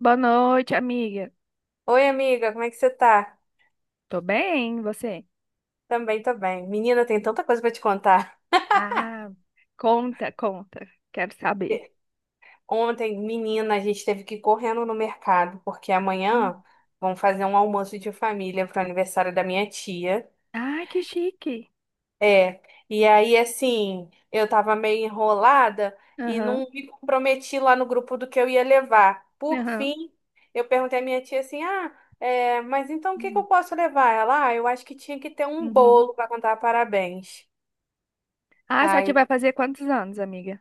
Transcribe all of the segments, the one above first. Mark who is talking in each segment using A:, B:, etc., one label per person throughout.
A: Boa noite, amiga.
B: Oi, amiga, como é que você tá?
A: Tô bem, e você?
B: Também tô bem. Menina, tem tanta coisa pra te contar.
A: Ah, conta, conta. Quero saber.
B: Ontem, menina, a gente teve que ir correndo no mercado, porque amanhã
A: Hum.
B: vão fazer um almoço de família pro aniversário da minha tia.
A: Ai, que chique.
B: É, e aí, assim, eu tava meio enrolada e
A: Aham,
B: não me comprometi lá no grupo do que eu ia levar. Por
A: aham.
B: fim, eu perguntei à minha tia assim: ah, é, mas então o que que eu
A: Hum,
B: posso levar? Ela, ah, eu acho que tinha que ter um
A: uhum.
B: bolo pra contar parabéns.
A: Ah, só te vai fazer quantos anos, amiga?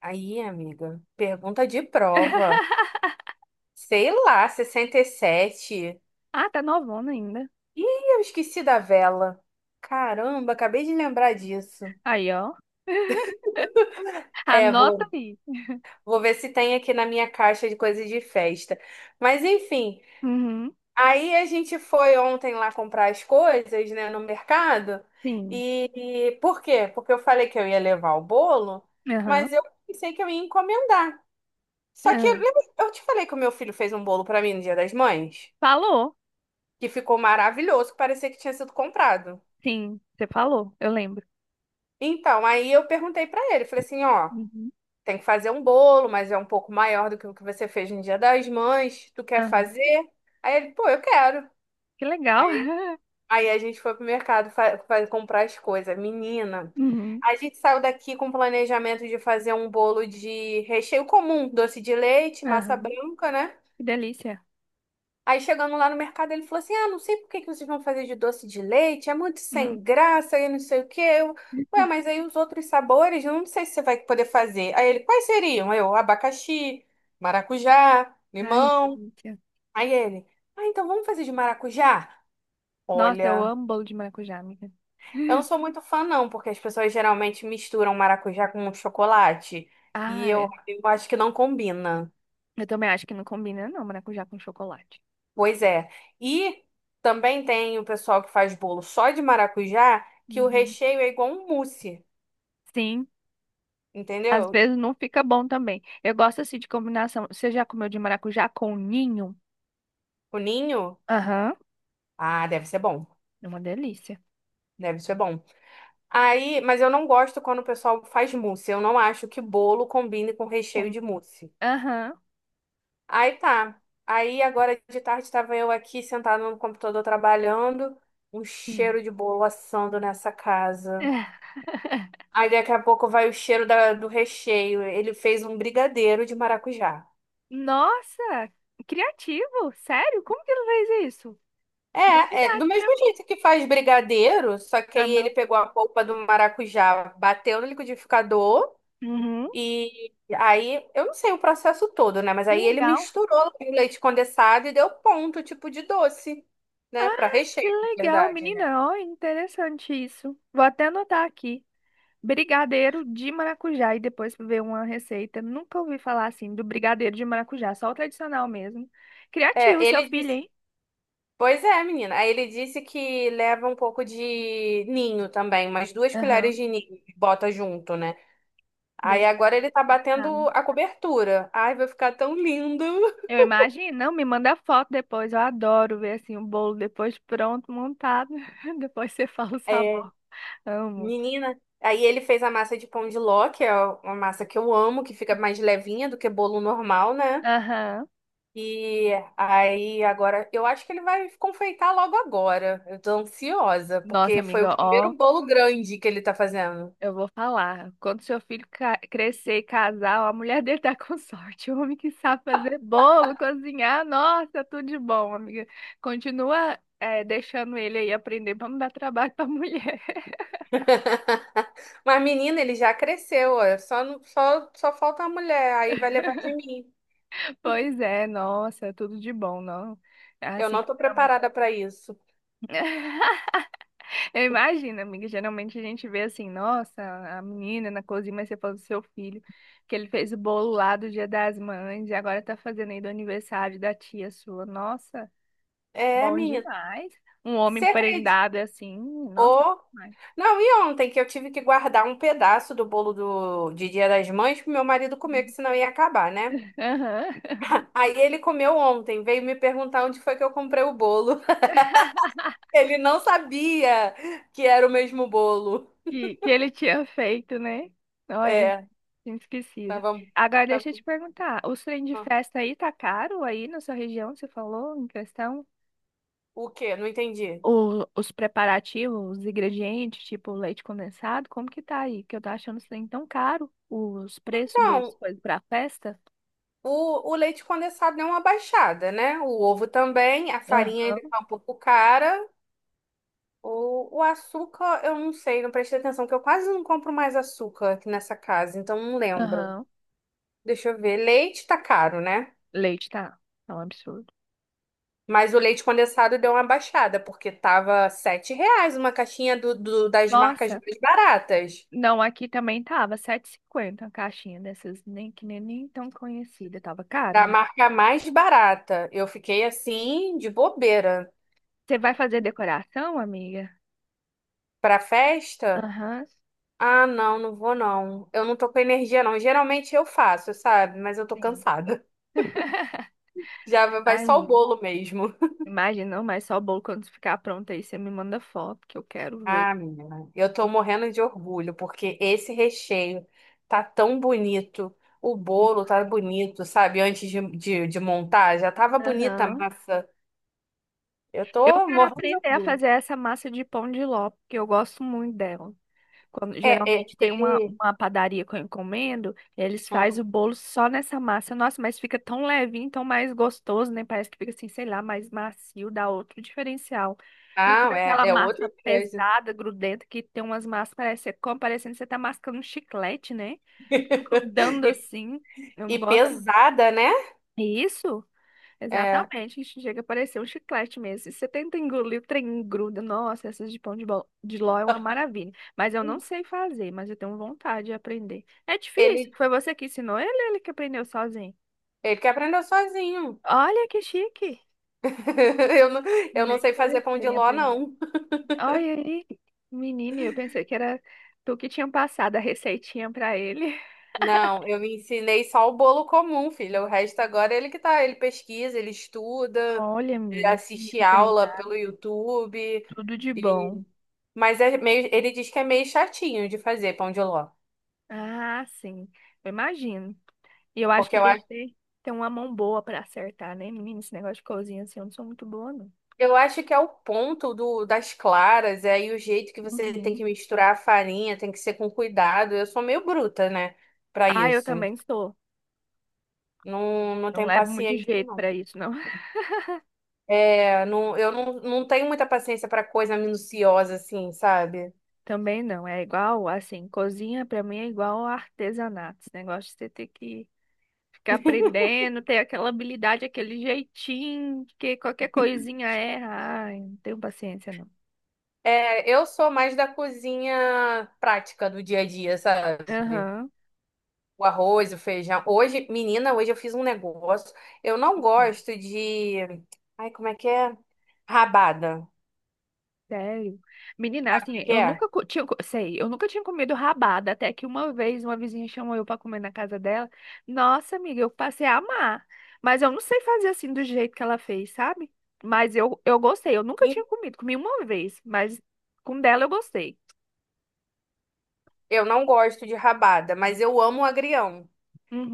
B: Aí, amiga, pergunta de prova. Sei lá, 67.
A: Ah, tá novona ainda.
B: Ih, eu esqueci da vela. Caramba, acabei de lembrar disso.
A: Aí, ó.
B: É,
A: Anota
B: vou,
A: aí.
B: vou ver se tem aqui na minha caixa de coisas de festa. Mas enfim,
A: Uhum,
B: aí a gente foi ontem lá comprar as coisas, né, no mercado.
A: sim.
B: E, e por quê? Porque eu falei que eu ia levar o bolo,
A: Aham,
B: mas eu pensei que eu ia encomendar. Só que
A: aham.
B: lembra- eu te falei que o meu filho fez um bolo pra mim no Dia das Mães,
A: Falou.
B: que ficou maravilhoso, que parecia que tinha sido comprado?
A: Sim, você falou, eu lembro.
B: Então, aí eu perguntei pra ele, falei assim, ó,
A: Uhum,
B: tem que fazer um bolo, mas é um pouco maior do que o que você fez no Dia das Mães, tu quer
A: aham.
B: fazer? Aí ele, pô, eu quero.
A: Que legal.
B: Aí a gente foi pro mercado comprar as coisas. Menina,
A: Uhum,
B: a gente saiu daqui com o planejamento de fazer um bolo de recheio comum, doce de leite, massa
A: aham.
B: branca, né?
A: Que delícia.
B: Aí chegando lá no mercado, ele falou assim: ah, não sei por que que vocês vão fazer de doce de leite, é muito
A: Hum.
B: sem graça e não sei o quê. Eu, ué, mas aí os outros sabores, eu não sei se você vai poder fazer. Aí ele, quais seriam? Aí eu, abacaxi, maracujá,
A: Ai, que
B: limão.
A: delícia.
B: Aí ele, ah, então vamos fazer de maracujá?
A: Nossa, eu
B: Olha,
A: amo bolo de maracujá, amiga.
B: eu não sou muito fã, não, porque as pessoas geralmente misturam maracujá com chocolate. E
A: Ai,
B: eu acho que não combina.
A: eu também acho que não combina, não, maracujá com chocolate.
B: Pois é. E também tem o pessoal que faz bolo só de maracujá, que o
A: Uhum.
B: recheio é igual um mousse,
A: Sim, às
B: entendeu?
A: vezes não fica bom também. Eu gosto assim de combinação. Você já comeu de maracujá com ninho?
B: O ninho,
A: Aham,
B: ah, deve ser bom.
A: é uma delícia.
B: Deve ser bom. Aí, mas eu não gosto quando o pessoal faz mousse. Eu não acho que bolo combine com recheio
A: Com-
B: de mousse.
A: Aham,
B: Aí tá. Aí agora de tarde estava eu aqui sentada no computador trabalhando, um
A: sim.
B: cheiro de bolo assando nessa casa. Aí daqui a pouco vai o cheiro da- do recheio. Ele fez um brigadeiro de maracujá.
A: Nossa, criativo, sério? Como que ele fez isso?
B: É do
A: Novidade pra
B: mesmo
A: mim.
B: jeito que faz brigadeiro, só que aí ele
A: Normal.
B: pegou a polpa do maracujá, bateu no liquidificador
A: Uhum.
B: e aí, eu não sei o processo todo, né? Mas
A: Que
B: aí ele
A: legal.
B: misturou com leite condensado e deu ponto, tipo de doce, né? Para
A: Ah, que
B: recheio, na
A: legal,
B: verdade, né?
A: menina. Ó, interessante isso. Vou até anotar aqui. Brigadeiro de maracujá e depois ver uma receita. Nunca ouvi falar assim do brigadeiro de maracujá, só o tradicional mesmo.
B: É,
A: Criativo, seu
B: ele
A: filho,
B: disse.
A: hein?
B: Pois é, menina. Aí ele disse que leva um pouco de ninho também, umas duas colheres
A: Aham,
B: de ninho, bota junto, né? Aí
A: dele.
B: agora ele tá batendo
A: Ah,
B: a cobertura. Ai, vai ficar tão lindo.
A: eu imagino, não, me manda foto depois. Eu adoro ver assim o bolo depois pronto, montado. Depois você fala o
B: É,
A: sabor. Amo.
B: menina, aí ele fez a massa de pão de ló, que é uma massa que eu amo, que fica mais levinha do que bolo normal, né?
A: Aham.
B: E aí agora, eu acho que ele vai confeitar logo agora. Eu tô ansiosa,
A: Nossa,
B: porque foi o
A: amiga, ó.
B: primeiro bolo grande que ele tá fazendo.
A: Eu vou falar. Quando seu filho crescer e casar, ó, a mulher dele tá com sorte. O homem que sabe fazer bolo, cozinhar, nossa, tudo de bom, amiga. Continua, deixando ele aí aprender pra não dar trabalho pra mulher.
B: Mas menina, ele já cresceu, ó. Só, não- só, só falta a mulher, aí vai levar de mim.
A: Pois é, nossa, tudo de bom, não.
B: Eu
A: Assim,
B: não tô
A: geralmente.
B: preparada pra isso.
A: Eu imagino, amiga, geralmente a gente vê assim, nossa, a menina na cozinha, mas você falou do seu filho, que ele fez o bolo lá do Dia das Mães e agora tá fazendo aí do aniversário da tia sua. Nossa.
B: É,
A: Bom
B: menina,
A: demais. Um homem
B: você acredita?
A: prendado assim, nossa,
B: Ô,
A: demais.
B: não, e ontem que eu tive que guardar um pedaço do bolo do, de Dia das Mães pro meu marido comer, que senão ia acabar, né?
A: Aham.
B: Aí ele comeu ontem, veio me perguntar onde foi que eu comprei o bolo. Ele não sabia que era o mesmo bolo.
A: Que ele tinha feito, né? Olha,
B: É,
A: tinha esquecido.
B: tava,
A: Agora deixa eu te
B: tava...
A: perguntar, os trem de
B: ah,
A: festa aí tá caro aí na sua região, você falou em questão?
B: o quê? Não entendi.
A: O, os preparativos, os ingredientes, tipo leite condensado, como que tá aí? Que eu tô achando os trem tão caro, os preços das
B: Então,
A: coisas pra festa.
B: o leite condensado deu uma baixada, né? O ovo também, a farinha
A: Aham.
B: ainda tá um pouco cara. O açúcar, eu não sei, não prestei atenção, que eu quase não compro mais açúcar aqui nessa casa, então não lembro.
A: Aham.
B: Deixa eu ver. Leite tá caro, né?
A: Leite tá, tá um absurdo.
B: Mas o leite condensado deu uma baixada, porque tava R$7 uma caixinha do, do- das marcas
A: Nossa,
B: mais baratas.
A: não, aqui também tava sete e cinquenta, a caixinha dessas, nem que nem, nem tão conhecida, tava caro,
B: Da
A: né?
B: marca mais barata. Eu fiquei assim, de bobeira.
A: Você vai fazer decoração, amiga?
B: Pra festa?
A: Aham,
B: Ah, não, não vou não. Eu não tô com energia, não. Geralmente eu faço, sabe? Mas eu tô
A: sim.
B: cansada. Já vai só o
A: Imagina.
B: bolo mesmo.
A: Imagina, não, mas só o bolo quando ficar pronto aí, você me manda foto que eu quero ver.
B: Ah, menina, eu tô morrendo de orgulho, porque esse recheio tá tão bonito, o bolo tá bonito, sabe? Antes de montar, já tava bonita a
A: Aham.
B: massa. Eu
A: Eu
B: tô
A: quero
B: morrendo de
A: aprender a
B: orgulho.
A: fazer essa massa de pão de ló, porque eu gosto muito dela. Quando,
B: É, é,
A: geralmente tem
B: ele.
A: uma padaria que eu encomendo, eles fazem o bolo só nessa massa. Nossa, mas fica tão levinho, tão mais gostoso, né? Parece que fica assim, sei lá, mais macio, dá outro diferencial. Não
B: Ah,
A: fica
B: é,
A: aquela
B: é outra
A: massa
B: coisa.
A: pesada, grudenta, que tem umas massas, parece que você come, parecendo que você tá mascando um chiclete, né? Fica grudando
B: E,
A: assim. Eu não
B: e
A: gosto.
B: pesada, né?
A: É isso?
B: É,
A: Exatamente, isso chega a parecer um chiclete mesmo. E você tenta engolir, o trem gruda. Nossa, essas de pão de ló é uma maravilha. Mas eu não sei fazer, mas eu tenho vontade de aprender. É difícil?
B: ele,
A: Foi você que ensinou ele, ou ele que aprendeu sozinho?
B: ele que aprendeu sozinho.
A: Olha que chique.
B: Eu não, eu
A: Ele
B: não
A: é
B: sei fazer pão de
A: interesseiro em
B: ló,
A: aprender.
B: não.
A: Olha aí, menino, eu pensei que era tu que tinha passado a receitinha pra ele.
B: Não, eu me ensinei só o bolo comum, filha. O resto agora é ele que tá, ele pesquisa, ele estuda,
A: Olha,
B: ele
A: menina, que
B: assiste
A: menino
B: aula
A: treinado.
B: pelo YouTube
A: Tudo de
B: e
A: bom.
B: mas é meio, ele diz que é meio chatinho de fazer pão de ló,
A: Ah, sim, eu imagino. E eu acho
B: porque
A: que
B: eu
A: tem que
B: acho,
A: ter uma mão boa pra acertar, né, menina? Esse negócio de cozinha, assim, eu não sou muito boa, não.
B: eu acho que é o ponto do das claras, é aí o jeito que você tem que
A: Uhum.
B: misturar a farinha, tem que ser com cuidado. Eu sou meio bruta, né, pra
A: Ah, eu
B: isso.
A: também sou.
B: Não, não
A: Não
B: tenho
A: levo muito
B: paciência,
A: jeito pra
B: não.
A: isso, não.
B: É, não, eu não, não tenho muita paciência pra coisa minuciosa assim, sabe?
A: Também não. É igual, assim, cozinha pra mim é igual artesanato. Esse negócio de você ter que ficar aprendendo, ter aquela habilidade, aquele jeitinho, que qualquer coisinha erra. Ai, não tenho paciência, não.
B: É, eu sou mais da cozinha prática do dia a dia, sabe?
A: Aham.
B: O arroz, o feijão. Hoje, menina, hoje eu fiz um negócio. Eu não gosto de. Ai, como é que é? Rabada.
A: Sério. Menina,
B: Sabe o que
A: assim,
B: que é?
A: eu nunca tinha comido rabada, até que uma vez uma vizinha chamou eu para comer na casa dela. Nossa, amiga, eu passei a amar. Mas eu não sei fazer assim do jeito que ela fez, sabe? Mas eu gostei, eu nunca
B: E
A: tinha comido, comi uma vez, mas com dela eu gostei.
B: eu não gosto de rabada, mas eu amo o agrião.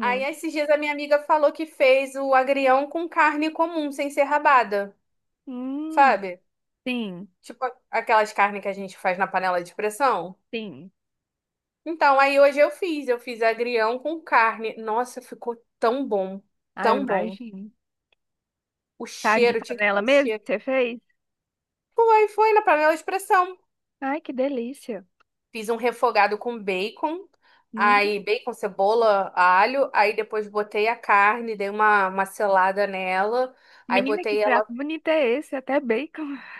B: Aí, esses dias, a minha amiga falou que fez o agrião com carne comum, sem ser rabada,
A: Hum,
B: sabe?
A: sim,
B: Tipo aquelas carnes que a gente faz na panela de pressão.
A: sim.
B: Então, aí hoje eu fiz agrião com carne. Nossa, ficou tão bom,
A: Ah, eu
B: tão bom.
A: imagino.
B: O
A: Tá de
B: cheiro, tinha que ter
A: panela
B: o
A: mesmo que
B: cheiro.
A: você fez?
B: Foi, foi na panela de expressão.
A: Ai, que delícia.
B: Fiz um refogado com bacon, aí
A: Hum.
B: bacon, cebola, alho, aí depois botei a carne, dei uma selada nela, aí
A: Menina, que
B: botei ela.
A: prato bonito é esse? Até bacon.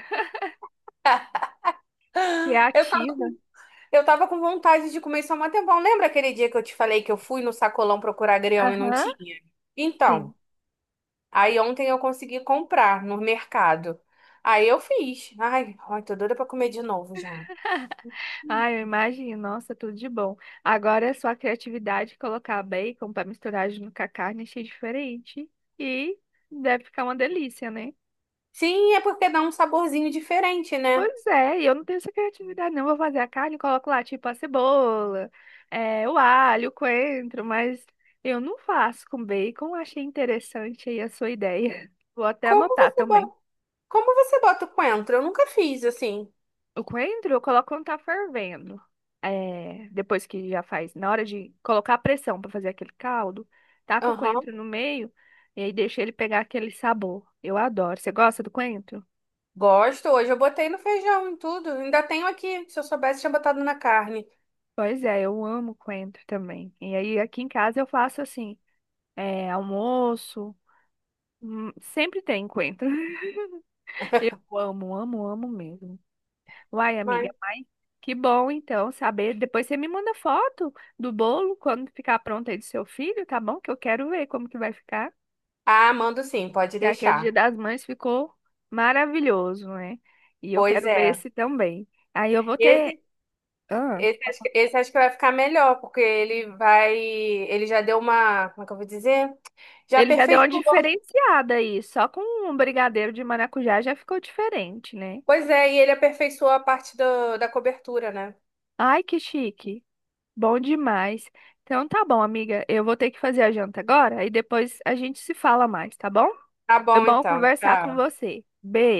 B: Eu tava,
A: Criativa.
B: com- eu tava com vontade de comer só um tempão. Lembra aquele dia que eu te falei que eu fui no sacolão procurar agrião e não
A: Aham.
B: tinha?
A: Sim.
B: Então. Aí ontem eu consegui comprar no mercado. Aí eu fiz. Ai, ai, tô doida pra comer de novo já.
A: Ah, eu imagino. Nossa, tudo de bom. Agora é só a criatividade colocar bacon para misturar junto com a carne, achei diferente. E deve ficar uma delícia, né?
B: Sim, é porque dá um saborzinho diferente, né?
A: Pois é, e eu não tenho essa criatividade, não. Vou fazer a carne, coloco lá, tipo, a cebola, é, o alho, o coentro, mas eu não faço com bacon. Achei interessante aí a sua ideia. Vou até
B: Como
A: anotar
B: você
A: também.
B: bota, como você bota o coentro? Eu nunca fiz assim.
A: O coentro eu coloco quando tá fervendo. É, depois que já faz, na hora de colocar a pressão pra fazer aquele caldo, taca o
B: Aham.
A: coentro no meio e aí deixa ele pegar aquele sabor. Eu adoro. Você gosta do coentro?
B: Gosto. Hoje eu botei no feijão e tudo. Ainda tenho aqui. Se eu soubesse, tinha botado na carne.
A: Pois é, eu amo coentro também. E aí aqui em casa eu faço assim, é, almoço, sempre tem coentro. Eu amo, amo, amo mesmo. Uai, amiga,
B: Mas...
A: mas que bom então saber. Depois você me manda foto do bolo quando ficar pronto aí do seu filho, tá bom? Que eu quero ver como que vai ficar.
B: ah, mando sim, pode
A: E aqui é o Dia
B: deixar.
A: das Mães ficou maravilhoso, né? E eu
B: Pois
A: quero ver
B: é.
A: esse também. Aí eu vou ter.
B: Esse,
A: Ah,
B: esse acho que vai ficar melhor, porque ele vai. Ele já deu uma. Como é que eu vou dizer? Já
A: ele já deu uma
B: aperfeiçoou.
A: diferenciada aí, só com um brigadeiro de maracujá já ficou diferente, né?
B: Pois é, e ele aperfeiçoou a parte do, da cobertura, né?
A: Ai, que chique. Bom demais. Então tá bom, amiga. Eu vou ter que fazer a janta agora e depois a gente se fala mais, tá bom?
B: Tá
A: Foi
B: bom,
A: bom
B: então.
A: conversar com
B: Tá,
A: você.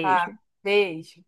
B: tá. Beijo.